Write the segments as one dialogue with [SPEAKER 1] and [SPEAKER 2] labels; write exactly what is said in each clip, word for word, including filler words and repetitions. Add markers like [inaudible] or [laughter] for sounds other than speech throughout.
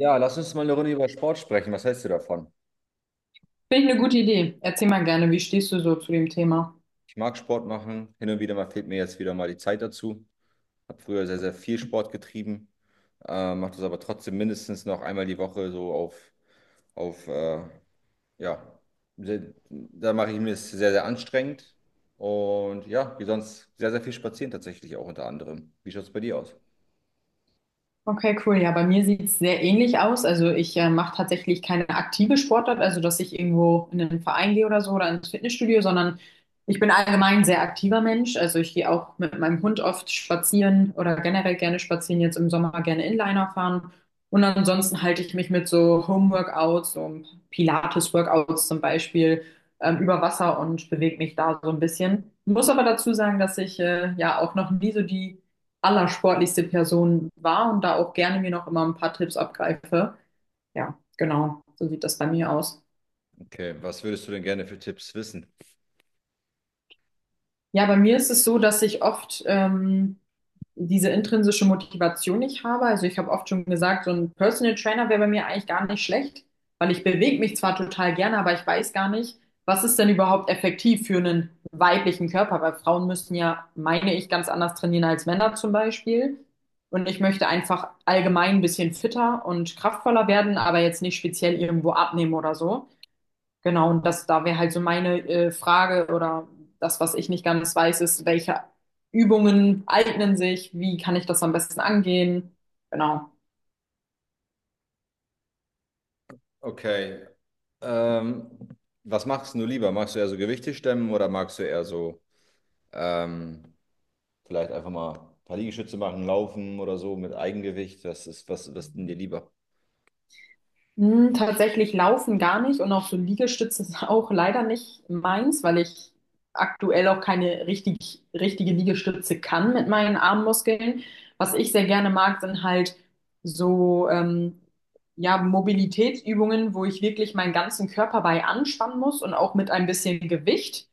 [SPEAKER 1] Ja, lass uns mal eine Runde über Sport sprechen. Was hältst du davon?
[SPEAKER 2] Finde ich eine gute Idee. Erzähl mal gerne, wie stehst du so zu dem Thema?
[SPEAKER 1] Ich mag Sport machen. Hin und wieder mal fehlt mir jetzt wieder mal die Zeit dazu. Habe früher sehr, sehr viel Sport getrieben. Äh, mache das aber trotzdem mindestens noch einmal die Woche so auf, auf äh, ja, sehr, da mache ich mir es sehr, sehr anstrengend. Und ja, wie sonst sehr, sehr viel spazieren tatsächlich auch unter anderem. Wie schaut es bei dir aus?
[SPEAKER 2] Okay, cool. Ja, bei mir sieht es sehr ähnlich aus. Also ich äh, mache tatsächlich keine aktive Sportart, also dass ich irgendwo in einen Verein gehe oder so oder ins Fitnessstudio, sondern ich bin allgemein ein sehr aktiver Mensch. Also ich gehe auch mit meinem Hund oft spazieren oder generell gerne spazieren, jetzt im Sommer gerne Inliner fahren. Und ansonsten halte ich mich mit so Home-Workouts, so Pilates-Workouts zum Beispiel, ähm, über Wasser und bewege mich da so ein bisschen. Muss aber dazu sagen, dass ich äh, ja auch noch nie so die allersportlichste Person war und da auch gerne mir noch immer ein paar Tipps abgreife. Ja, genau, so sieht das bei mir aus.
[SPEAKER 1] Okay, was würdest du denn gerne für Tipps wissen?
[SPEAKER 2] Ja, bei mir ist es so, dass ich oft ähm, diese intrinsische Motivation nicht habe. Also ich habe oft schon gesagt, so ein Personal Trainer wäre bei mir eigentlich gar nicht schlecht, weil ich bewege mich zwar total gerne, aber ich weiß gar nicht, was ist denn überhaupt effektiv für einen weiblichen Körper, weil Frauen müssen ja, meine ich, ganz anders trainieren als Männer zum Beispiel. Und ich möchte einfach allgemein ein bisschen fitter und kraftvoller werden, aber jetzt nicht speziell irgendwo abnehmen oder so. Genau, und das, da wäre halt so meine äh, Frage oder das, was ich nicht ganz weiß, ist, welche Übungen eignen sich, wie kann ich das am besten angehen? Genau.
[SPEAKER 1] Okay, ähm, was machst du lieber? Magst du eher so Gewichte stemmen oder magst du eher so. Ähm, Vielleicht einfach mal ein paar Liegestütze machen, laufen oder so mit Eigengewicht. Das ist was, was denn dir lieber?
[SPEAKER 2] Hm, tatsächlich laufen gar nicht und auch so Liegestütze [laughs] ist auch leider nicht meins, weil ich aktuell auch keine richtig, richtige Liegestütze kann mit meinen Armmuskeln. Was ich sehr gerne mag, sind halt so ähm, ja, Mobilitätsübungen, wo ich wirklich meinen ganzen Körper bei anspannen muss und auch mit ein bisschen Gewicht.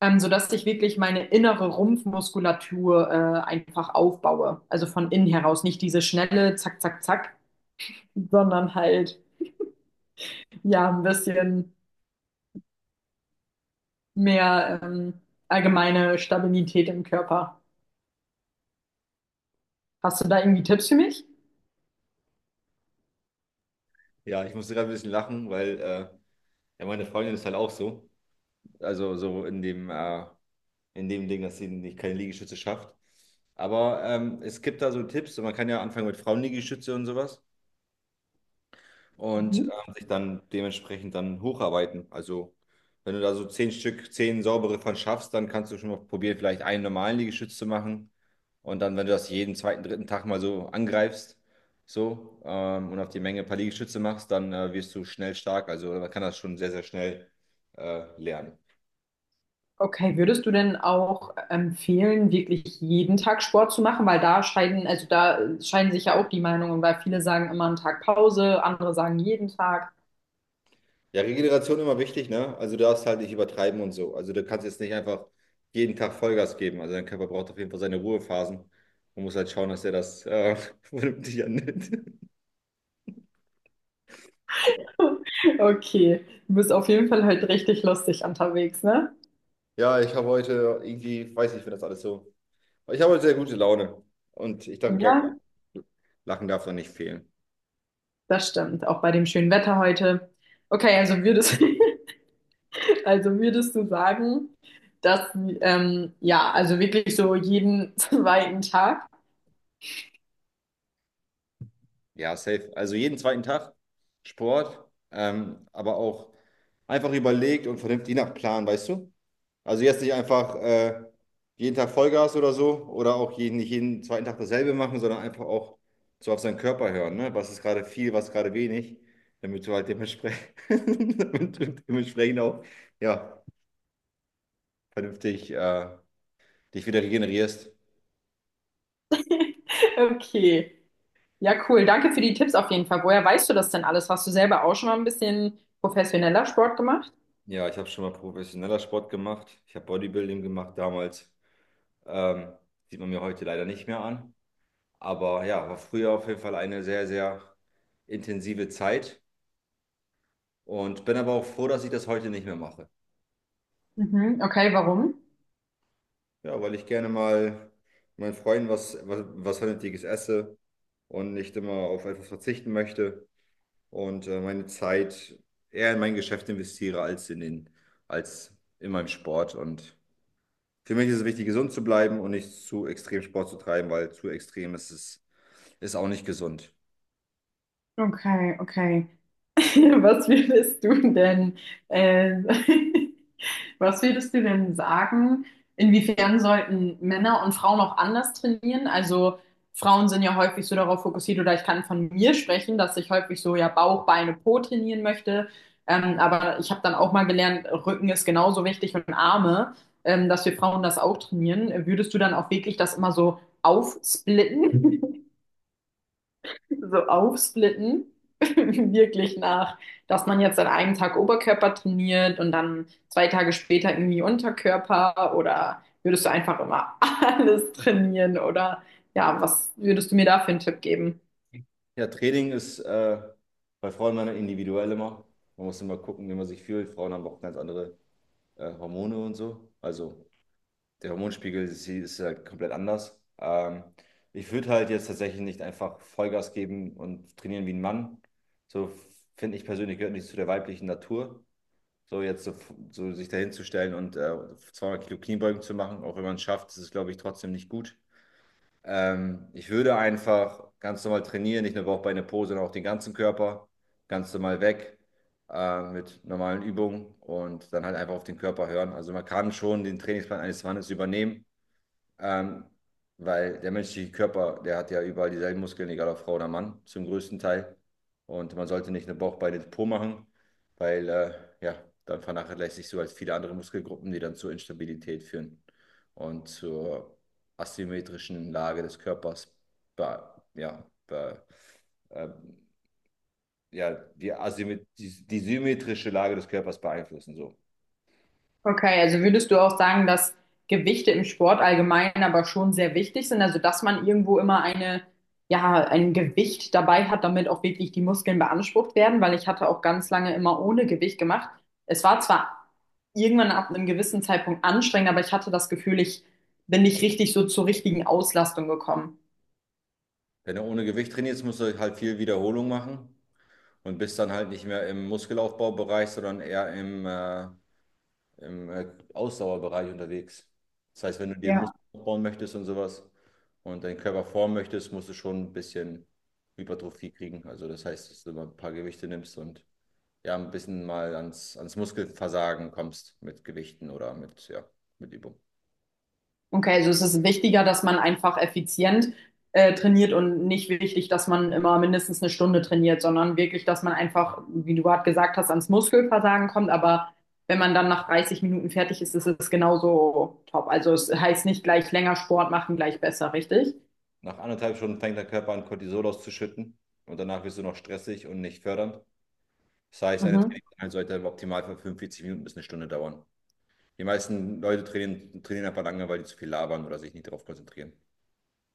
[SPEAKER 2] ähm, Sodass ich wirklich meine innere Rumpfmuskulatur äh, einfach aufbaue. Also von innen heraus, nicht diese schnelle Zack, Zack, Zack, sondern halt ja ein bisschen mehr ähm, allgemeine Stabilität im Körper. Hast du da irgendwie Tipps für mich?
[SPEAKER 1] Ja, ich musste gerade ein bisschen lachen, weil äh, ja, meine Freundin ist halt auch so. Also so in dem, äh, in dem Ding, dass sie nicht keine Liegestütze schafft. Aber ähm, es gibt da so Tipps und man kann ja anfangen mit Frauenliegestütze und sowas. Und
[SPEAKER 2] Mhm.
[SPEAKER 1] ähm, sich dann dementsprechend dann hocharbeiten. Also wenn du da so zehn Stück, zehn saubere von schaffst, dann kannst du schon mal probieren, vielleicht einen normalen Liegestütz zu machen. Und dann, wenn du das jeden zweiten, dritten Tag mal so angreifst, so, ähm, und auf die Menge ein paar Liegestütze machst, dann äh, wirst du schnell stark. Also man kann das schon sehr, sehr schnell äh, lernen.
[SPEAKER 2] Okay, würdest du denn auch empfehlen, wirklich jeden Tag Sport zu machen? Weil da scheiden, also da scheiden sich ja auch die Meinungen, weil viele sagen immer einen Tag Pause, andere sagen jeden Tag.
[SPEAKER 1] Ja, Regeneration immer wichtig, ne? Also du darfst halt nicht übertreiben und so. Also du kannst jetzt nicht einfach jeden Tag Vollgas geben. Also dein Körper braucht auf jeden Fall seine Ruhephasen und muss halt schauen, dass er das äh, [laughs] vernünftig annimmt.
[SPEAKER 2] Okay, du bist auf jeden Fall halt richtig lustig unterwegs, ne?
[SPEAKER 1] Ja, ich habe heute irgendwie, weiß nicht, wenn das alles so. Ich habe heute sehr gute Laune und ich dachte, glaube,
[SPEAKER 2] Ja,
[SPEAKER 1] Lachen darf da nicht fehlen.
[SPEAKER 2] das stimmt, auch bei dem schönen Wetter heute. Okay, also würdest, [laughs] also würdest du sagen, dass, ähm, ja, also wirklich so jeden [laughs] zweiten Tag?
[SPEAKER 1] Ja, safe. Also jeden zweiten Tag Sport, ähm, aber auch einfach überlegt und vernünftig nach Plan, weißt du? Also jetzt nicht einfach äh, jeden Tag Vollgas oder so oder auch jeden, nicht jeden zweiten Tag dasselbe machen, sondern einfach auch so auf seinen Körper hören, ne? Was ist gerade viel, was ist gerade wenig, damit du halt dementsprechend, [laughs] damit du dementsprechend auch ja, vernünftig äh, dich wieder regenerierst.
[SPEAKER 2] [laughs] Okay, ja, cool. Danke für die Tipps auf jeden Fall. Woher weißt du das denn alles? Hast du selber auch schon mal ein bisschen professioneller Sport gemacht?
[SPEAKER 1] Ja, ich habe schon mal professioneller Sport gemacht. Ich habe Bodybuilding gemacht damals. Ähm, Sieht man mir heute leider nicht mehr an. Aber ja, war früher auf jeden Fall eine sehr, sehr intensive Zeit. Und bin aber auch froh, dass ich das heute nicht mehr mache.
[SPEAKER 2] Mhm, okay, warum?
[SPEAKER 1] Ja, weil ich gerne mal meinen Freunden was, was, was Vernünftiges esse und nicht immer auf etwas verzichten möchte und äh, meine Zeit eher in mein Geschäft investiere als in den, als in meinem Sport. Und für mich ist es wichtig, gesund zu bleiben und nicht zu extrem Sport zu treiben, weil zu extrem ist es, ist auch nicht gesund.
[SPEAKER 2] Okay, okay. [laughs] Was würdest du denn äh, [laughs] Was würdest du denn sagen, inwiefern sollten Männer und Frauen auch anders trainieren? Also Frauen sind ja häufig so darauf fokussiert, oder ich kann von mir sprechen, dass ich häufig so ja Bauch, Beine, Po trainieren möchte. Ähm, aber ich habe dann auch mal gelernt, Rücken ist genauso wichtig und Arme, ähm, dass wir Frauen das auch trainieren. Würdest du dann auch wirklich das immer so aufsplitten? so aufsplitten, [laughs] wirklich nach, dass man jetzt an einem Tag Oberkörper trainiert und dann zwei Tage später irgendwie Unterkörper oder würdest du einfach immer [laughs] alles trainieren oder ja, was würdest du mir da für einen Tipp geben?
[SPEAKER 1] Ja, Training ist äh, bei Frauen immer individuell immer. Man muss immer gucken, wie man sich fühlt. Frauen haben auch ganz andere äh, Hormone und so. Also der Hormonspiegel ist, ist halt komplett anders. Ähm, ich würde halt jetzt tatsächlich nicht einfach Vollgas geben und trainieren wie ein Mann. So finde ich persönlich gehört nicht zu der weiblichen Natur. So jetzt so, so sich dahin zu stellen und äh, zweihundert Kilo Kniebeugen zu machen, auch wenn man es schafft, ist es, glaube ich, trotzdem nicht gut. Ähm, ich würde einfach ganz normal trainieren, nicht nur Bauch, Beine, Po, sondern auch den ganzen Körper, ganz normal weg äh, mit normalen Übungen und dann halt einfach auf den Körper hören. Also man kann schon den Trainingsplan eines Mannes übernehmen, ähm, weil der menschliche Körper, der hat ja überall dieselben Muskeln, egal ob Frau oder Mann, zum größten Teil. Und man sollte nicht eine Bauchbeine Po machen, weil äh, ja, dann vernachlässigst du halt viele andere Muskelgruppen, die dann zur Instabilität führen und zur asymmetrischen Lage des Körpers. Be ja, be ähm, ja, die, asymmet die, die symmetrische Lage des Körpers beeinflussen. So.
[SPEAKER 2] Okay, also würdest du auch sagen, dass Gewichte im Sport allgemein aber schon sehr wichtig sind, also dass man irgendwo immer eine, ja, ein Gewicht dabei hat, damit auch wirklich die Muskeln beansprucht werden, weil ich hatte auch ganz lange immer ohne Gewicht gemacht. Es war zwar irgendwann ab einem gewissen Zeitpunkt anstrengend, aber ich hatte das Gefühl, ich bin nicht richtig so zur richtigen Auslastung gekommen.
[SPEAKER 1] Wenn du ohne Gewicht trainierst, musst du halt viel Wiederholung machen. Und bist dann halt nicht mehr im Muskelaufbaubereich, sondern eher im, äh, im äh, Ausdauerbereich unterwegs. Das heißt, wenn du dir
[SPEAKER 2] Ja.
[SPEAKER 1] Muskeln aufbauen möchtest und sowas und deinen Körper formen möchtest, musst du schon ein bisschen Hypertrophie kriegen. Also das heißt, dass du mal ein paar Gewichte nimmst und ja, ein bisschen mal ans, ans Muskelversagen kommst mit Gewichten oder mit, ja, mit Übung.
[SPEAKER 2] Okay, also es ist wichtiger, dass man einfach effizient äh, trainiert und nicht wichtig, dass man immer mindestens eine Stunde trainiert, sondern wirklich, dass man einfach, wie du gerade gesagt hast, ans Muskelversagen kommt. Aber wenn man dann nach dreißig Minuten fertig ist, ist es genauso top. Also es heißt nicht gleich länger Sport machen, gleich besser, richtig?
[SPEAKER 1] Nach anderthalb Stunden fängt der Körper an, Cortisol auszuschütten und danach wirst du noch stressig und nicht fördernd. Das heißt, eine
[SPEAKER 2] Mhm.
[SPEAKER 1] Trainingseinheit sollte im Optimalfall fünfundvierzig Minuten bis eine Stunde dauern. Die meisten Leute trainieren, trainieren einfach lange, weil die zu viel labern oder sich nicht darauf konzentrieren.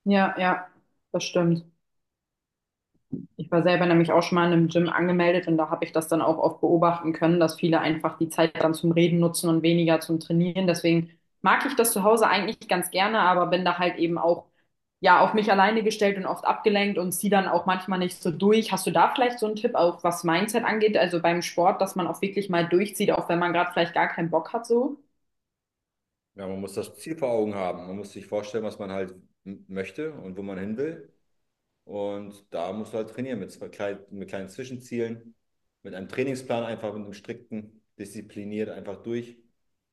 [SPEAKER 2] Ja, ja, das stimmt. Ich war selber nämlich auch schon mal in einem Gym angemeldet und da habe ich das dann auch oft beobachten können, dass viele einfach die Zeit dann zum Reden nutzen und weniger zum Trainieren. Deswegen mag ich das zu Hause eigentlich ganz gerne, aber bin da halt eben auch ja auf mich alleine gestellt und oft abgelenkt und ziehe dann auch manchmal nicht so durch. Hast du da vielleicht so einen Tipp, auch was Mindset angeht, also beim Sport, dass man auch wirklich mal durchzieht, auch wenn man gerade vielleicht gar keinen Bock hat so?
[SPEAKER 1] Ja, man muss das Ziel vor Augen haben. Man muss sich vorstellen, was man halt m- möchte und wo man hin will. Und da musst du halt trainieren mit, zwei klein, mit kleinen Zwischenzielen, mit einem Trainingsplan einfach, mit einem strikten, diszipliniert einfach durch.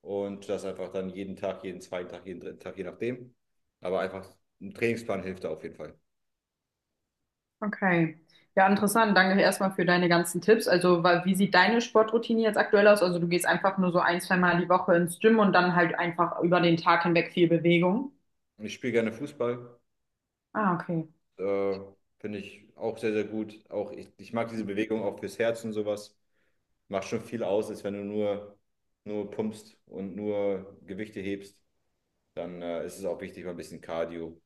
[SPEAKER 1] Und das einfach dann jeden Tag, jeden zweiten Tag, jeden dritten Tag, je nachdem. Aber einfach ein Trainingsplan hilft da auf jeden Fall.
[SPEAKER 2] Okay. Ja, interessant. Danke erstmal für deine ganzen Tipps. Also, wa- wie sieht deine Sportroutine jetzt aktuell aus? Also, du gehst einfach nur so ein, zwei Mal die Woche ins Gym und dann halt einfach über den Tag hinweg viel Bewegung.
[SPEAKER 1] Ich spiele gerne Fußball.
[SPEAKER 2] Ah, okay.
[SPEAKER 1] Äh, Finde ich auch sehr, sehr gut. Auch ich, ich mag diese Bewegung auch fürs Herz und sowas. Macht schon viel aus, als wenn du nur, nur pumpst und nur Gewichte hebst. Dann äh, ist es auch wichtig, mal ein bisschen Cardio,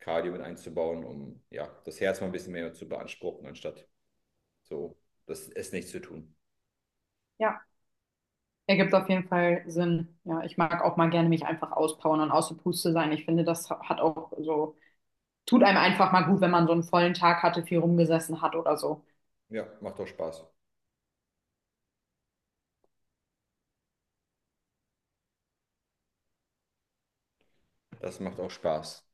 [SPEAKER 1] Cardio mit einzubauen, um ja, das Herz mal ein bisschen mehr zu beanspruchen, anstatt so das es nicht zu tun.
[SPEAKER 2] Ja, ergibt auf jeden Fall Sinn. Ja, ich mag auch mal gerne mich einfach auspowern und aus der Puste sein. Ich finde, das hat auch so, tut einem einfach mal gut, wenn man so einen vollen Tag hatte, viel rumgesessen hat oder so.
[SPEAKER 1] Ja, macht auch Spaß. Das macht auch Spaß.